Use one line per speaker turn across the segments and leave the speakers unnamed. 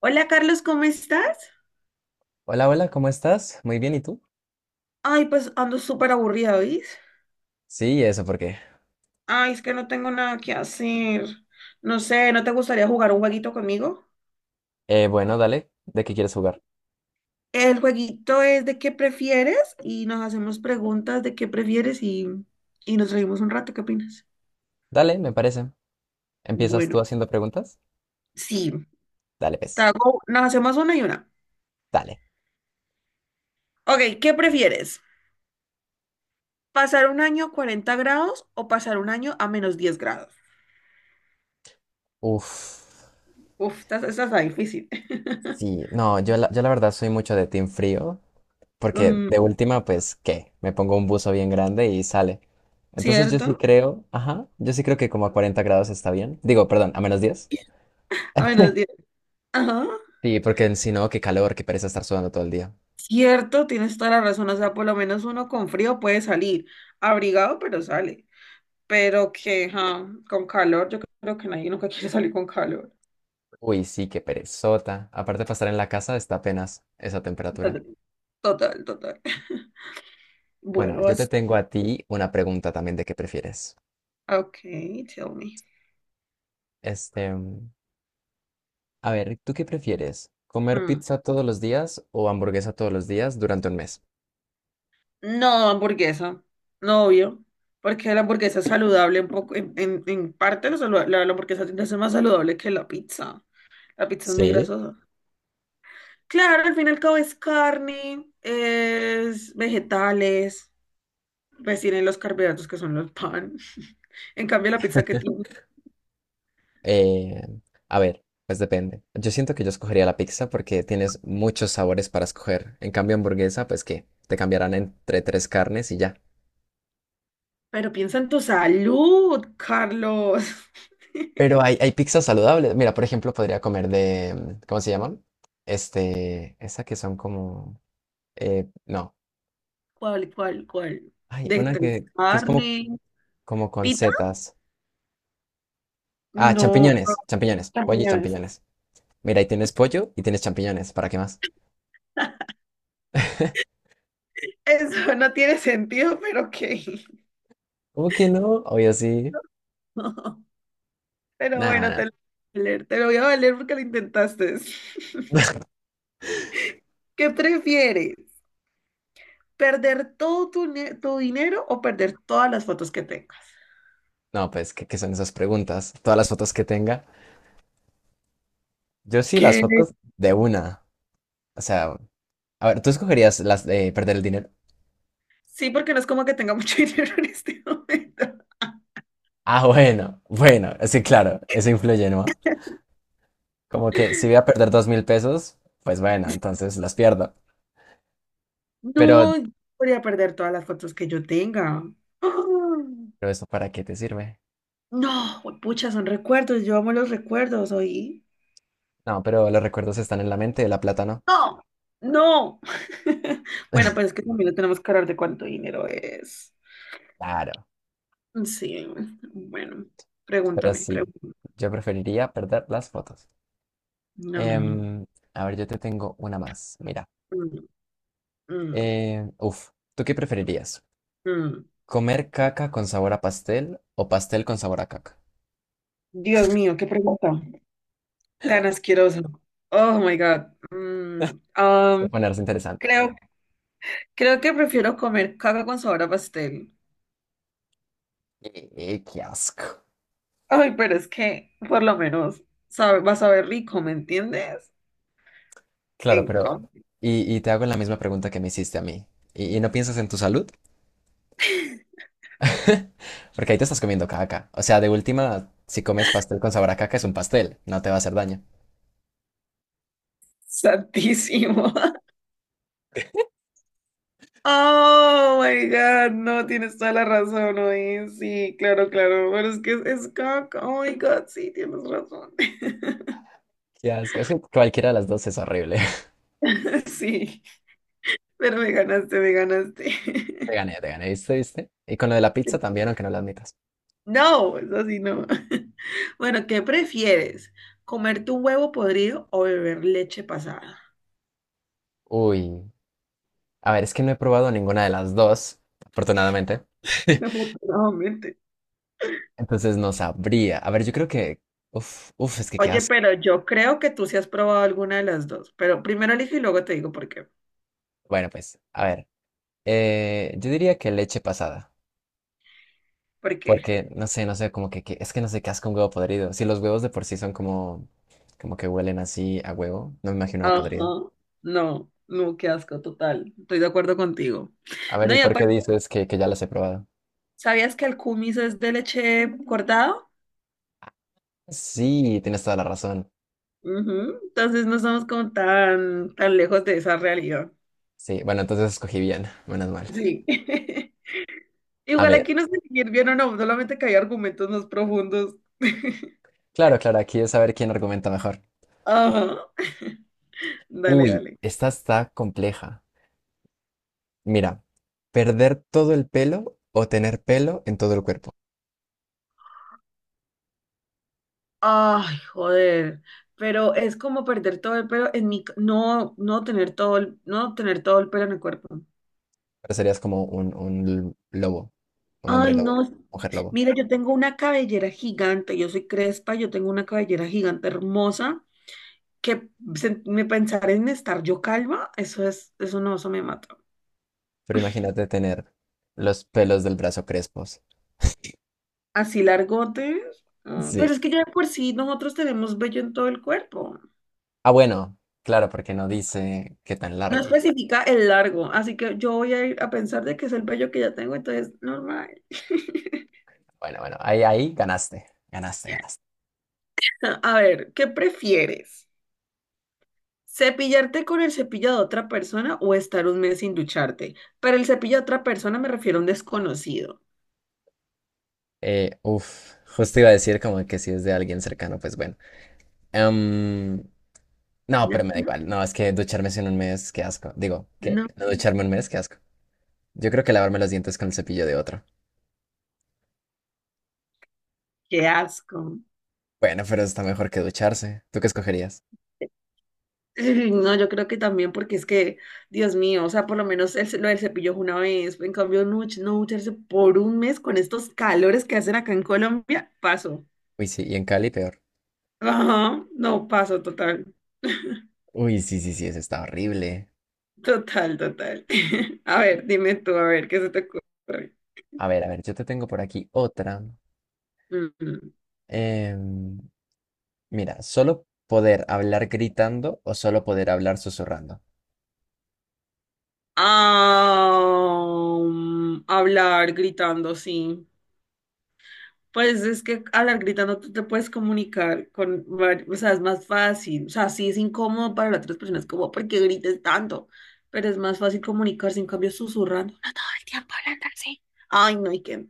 Hola Carlos, ¿cómo estás?
Hola, hola, ¿cómo estás? Muy bien, ¿y tú?
Ay, pues ando súper aburrida, ¿oís?
Sí, eso, ¿por qué?
Ay, es que no tengo nada que hacer. No sé, ¿no te gustaría jugar un jueguito conmigo?
Bueno, dale, ¿de qué quieres jugar?
El jueguito es de qué prefieres y nos hacemos preguntas de qué prefieres y nos reímos un rato, ¿qué opinas?
Dale, me parece. ¿Empiezas
Bueno,
tú haciendo preguntas?
sí,
Dale, pues,
nos hacemos una y una.
dale.
Ok, ¿qué prefieres? ¿Pasar un año a 40 grados o pasar un año a -10 grados?
Uf,
Uf, esta está difícil.
sí, no, yo la verdad soy mucho de Team Frío, porque
Mm.
de última, pues, ¿qué? Me pongo un buzo bien grande y sale. Entonces yo sí
¿Cierto?
creo, ajá, yo sí creo que como a 40 grados está bien. Digo, perdón, a -10.
A menos 10. Ajá.
Sí, porque si no, qué calor, qué pereza estar sudando todo el día.
Cierto, tienes toda la razón, o sea, por lo menos uno con frío puede salir, abrigado, pero sale, pero que ja, con calor, yo creo que nadie nunca quiere salir con calor.
Uy, sí, qué perezota. Aparte para estar en la casa está apenas esa temperatura.
Total, total.
Bueno,
Bueno,
yo te
vas.
tengo a ti una pregunta también de qué prefieres.
Ok, tell me.
Este, a ver, ¿tú qué prefieres? ¿Comer
Mm.
pizza todos los días o hamburguesa todos los días durante un mes?
No, hamburguesa, no obvio, porque la hamburguesa es saludable un poco, en parte la hamburguesa tiende a ser más saludable que la pizza. La pizza es muy
Sí.
grasosa. Claro, al fin y al cabo es carne, es vegetales, pues tienen los carbohidratos que son los pan. En cambio, la pizza que tiene.
Eh, a ver, pues depende. Yo siento que yo escogería la pizza porque tienes muchos sabores para escoger. En cambio, hamburguesa, pues que te cambiarán entre tres carnes y ya.
Pero piensa en tu salud, Carlos.
Pero hay pizzas saludables. Mira, por ejemplo, podría comer de, ¿cómo se llaman? Este, esa que son como, no,
¿Cuál, cuál, cuál?
hay
De
una
tres
que es como
carne,
Como con
pita.
setas. Ah,
No,
champiñones,
no,
champiñones, pollo y
champiñones.
champiñones. Mira, ahí tienes pollo y tienes champiñones, ¿para qué más?
Eso no tiene sentido, pero ok.
¿Cómo que no? Obvio sí.
Pero
Nada,
bueno, te
nada.
lo voy a valer, te lo voy a valer porque lo intentaste. ¿Qué prefieres? ¿Perder todo tu dinero o perder todas las fotos que tengas?
No, pues, ¿qué son esas preguntas? Todas las fotos que tenga. Yo sí, las
¿Qué?
fotos de una. O sea, a ver, ¿tú escogerías las de perder el dinero?
Sí, porque no es como que tenga mucho dinero en este momento.
Ah, bueno, bueno, sí, claro, eso influye, ¿no? Como que si voy a perder 2000 pesos, pues bueno, entonces las pierdo. Pero,
No, yo podría perder todas las fotos que yo tenga. ¡Ah!
pero ¿eso para qué te sirve?
No, pucha, son recuerdos. Yo amo los recuerdos, ¿oí?
No, pero los recuerdos están en la mente, la plata no.
No, no. Bueno, pues es que también no tenemos que hablar de cuánto dinero es.
Claro,
Sí, bueno,
pero
pregúntame,
sí,
pregúntame.
yo preferiría perder las fotos.
No, no,
Em,
no.
a ver, yo te tengo una más. Mira,
Mm, mm,
eh, uf, ¿tú qué preferirías?
mm.
¿Comer caca con sabor a pastel o pastel con sabor a caca?
Dios mío, qué pregunta tan asquerosa. Oh my God. Mm,
Esto va
um,
ponerse interesante.
creo Creo que prefiero comer caca con sabor a pastel.
Qué asco.
Ay, pero es que por lo menos sabe, va a saber rico, ¿me entiendes?
Claro,
En
pero
com-
y te hago la misma pregunta que me hiciste a mí. ¿Y no piensas en tu salud? Porque ahí te estás comiendo caca. O sea, de última, si comes pastel con sabor a caca es un pastel, no te va a hacer daño.
Santísimo. Oh my God, no, tienes toda la razón, oye, sí, claro, claro, pero es que es caca, oh my God, sí, tienes razón.
Qué asco, es que cualquiera de las dos es horrible.
Sí, pero me ganaste, me ganaste.
Te gané, ¿viste, viste? Y con lo de la pizza también, aunque no lo admitas.
No, eso sí no. Bueno, ¿qué prefieres? ¿Comer tu huevo podrido o beber leche pasada?
Uy, a ver, es que no he probado ninguna de las dos, afortunadamente.
Afortunadamente.
Entonces no sabría. A ver, yo creo que... es que qué
Oye,
asco.
pero yo creo que tú sí has probado alguna de las dos. Pero primero elijo y luego te digo por qué.
Bueno, pues, a ver, yo diría que leche pasada.
¿Por qué?
Porque, no sé, no sé, como que, es que no sé qué asco un huevo podrido. Si los huevos de por sí son como, como que huelen así a huevo, no me imagino una podrida.
Ajá. No, no, qué asco, total. Estoy de acuerdo contigo.
A ver,
No,
¿y
y
por qué
aparte,
dices que ya las he probado?
¿sabías que el kumis es de leche cortado?
Sí, tienes toda la razón.
Ujú. Entonces no estamos como tan, tan lejos de esa realidad.
Sí, bueno, entonces escogí bien, menos mal.
Sí.
A
Igual aquí
ver.
no sé si ir bien o no, solamente que hay argumentos más profundos.
Claro, claro, aquí es saber quién argumenta mejor.
Ajá. Dale,
Uy,
dale.
esta está compleja. Mira, perder todo el pelo o tener pelo en todo el cuerpo.
Ay, joder, pero es como perder todo el pelo en mi, no, no tener todo el pelo en el cuerpo.
Ahora serías como un lobo, un hombre
Ay,
lobo,
no,
mujer lobo.
mira, yo tengo una cabellera gigante, yo soy crespa, yo tengo una cabellera gigante hermosa, que me pensar en estar yo calva, eso es, eso no, eso me mata.
Pero imagínate tener los pelos del brazo crespos.
Así largote, mm, pero
Sí.
es que ya de por sí nosotros tenemos vello en todo el cuerpo.
Ah, bueno, claro, porque no dice qué tan
No
largo.
especifica el largo, así que yo voy a ir a pensar de que es el vello que ya tengo, entonces normal.
Bueno, bueno, ahí, ahí ganaste, ganaste, ganaste.
A ver, ¿qué prefieres? ¿Cepillarte con el cepillo de otra persona o estar un mes sin ducharte? Pero el cepillo de otra persona me refiero a un desconocido.
Justo iba a decir como que si es de alguien cercano, pues bueno. Em, no, pero
No,
me da
no,
igual. No, es que ducharme en un mes, qué asco. Digo, ¿qué?
no,
No ducharme un mes, qué asco. Yo creo que lavarme los dientes con el cepillo de otro.
qué asco.
Bueno, pero está mejor que ducharse. ¿Tú qué escogerías?
Ay, no, yo creo que también porque es que, Dios mío, o sea, por lo menos el, lo del cepillo es una vez. En cambio, no, no ducharse por un mes con estos calores que hacen acá en Colombia, paso.
Uy, sí, y en Cali peor.
Ajá, no, paso total,
Uy, sí, sí, sí, eso está horrible.
total, total. A ver, dime tú, a ver, ¿qué se te ocurre?
A ver, yo te tengo por aquí otra.
Mm.
Em, mira, solo poder hablar gritando o solo poder hablar susurrando.
Ah, hablar gritando, sí. Pues es que hablar gritando tú te puedes comunicar con, o sea, es más fácil. O sea, sí es incómodo para las otras personas, como, ¿por qué grites tanto? Pero es más fácil comunicarse, en cambio, susurrando. No todo el tiempo hablando así. Ay, no, y qué.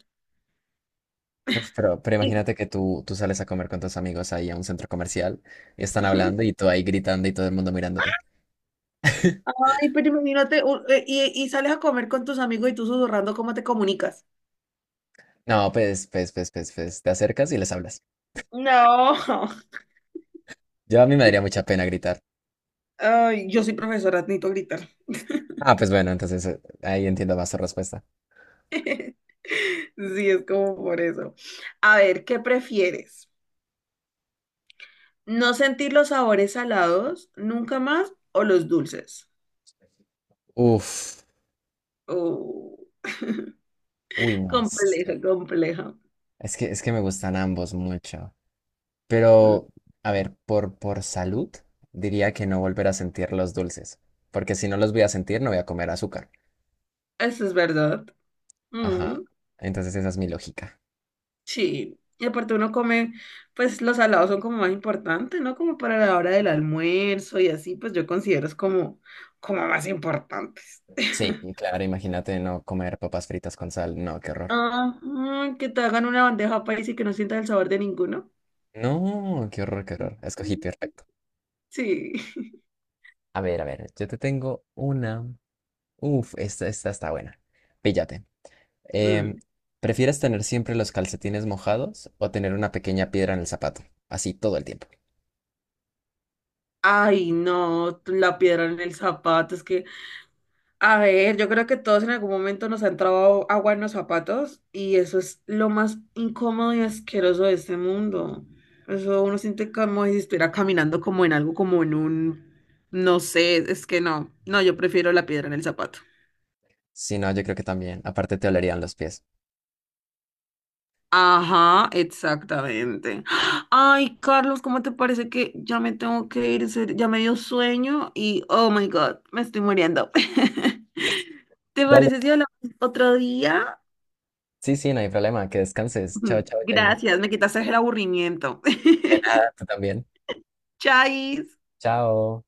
Uf, pero
Y-
imagínate que tú sales a comer con tus amigos ahí a un centro comercial y están hablando y tú ahí gritando y todo el mundo mirándote.
Ay, pero imagínate, y sales a comer con tus amigos y tú susurrando, ¿cómo te comunicas?
No, pues, te acercas y les hablas.
No.
Yo a mí me daría mucha pena gritar.
Ay, yo soy profesora, necesito gritar.
Ah, pues bueno, entonces ahí entiendo más tu respuesta.
Sí, es como por eso. A ver, ¿qué prefieres? ¿No sentir los sabores salados nunca más o los dulces?
Uf,
Oh,
uy, no sé.
compleja, compleja.
Es que me gustan ambos mucho.
Mm.
Pero, a ver, por salud, diría que no volver a sentir los dulces. Porque si no los voy a sentir, no voy a comer azúcar.
Eso es verdad. Mm,
Ajá. Entonces esa es mi lógica.
sí. Y aparte uno come, pues los salados son como más importantes, ¿no? Como para la hora del almuerzo y así, pues yo considero es como, como más importantes.
Sí, y claro, imagínate no comer papas fritas con sal. No, qué horror.
Ajá, que te hagan una bandeja paisa y que no sientas el sabor de ninguno.
No, qué horror, qué horror. Escogí peor.
Sí.
A ver, yo te tengo una. Uf, esta está buena. Píllate.
Mm.
Em, ¿Prefieres tener siempre los calcetines mojados o tener una pequeña piedra en el zapato? Así todo el tiempo.
Ay, no, la piedra en el zapato, es que, a ver, yo creo que todos en algún momento nos ha entrado agua en los zapatos y eso es lo más incómodo y asqueroso de este mundo. Eso uno siente como si estuviera caminando como en algo, como en un, no sé, es que no, no, yo prefiero la piedra en el zapato.
Si no, yo creo que también. Aparte te olerían los pies.
Ajá, exactamente. Ay, Carlos, ¿cómo te parece que ya me tengo que ir? En serio, ya me dio sueño y, oh my God, me estoy muriendo. ¿Te
Dale.
parece si hablamos otro día?
Sí, sí, no hay problema. Que descanses. Chao,
Ujú.
chao, Jaina.
Gracias, me quitaste el aburrimiento.
De nada, tú también.
Chais.
Chao.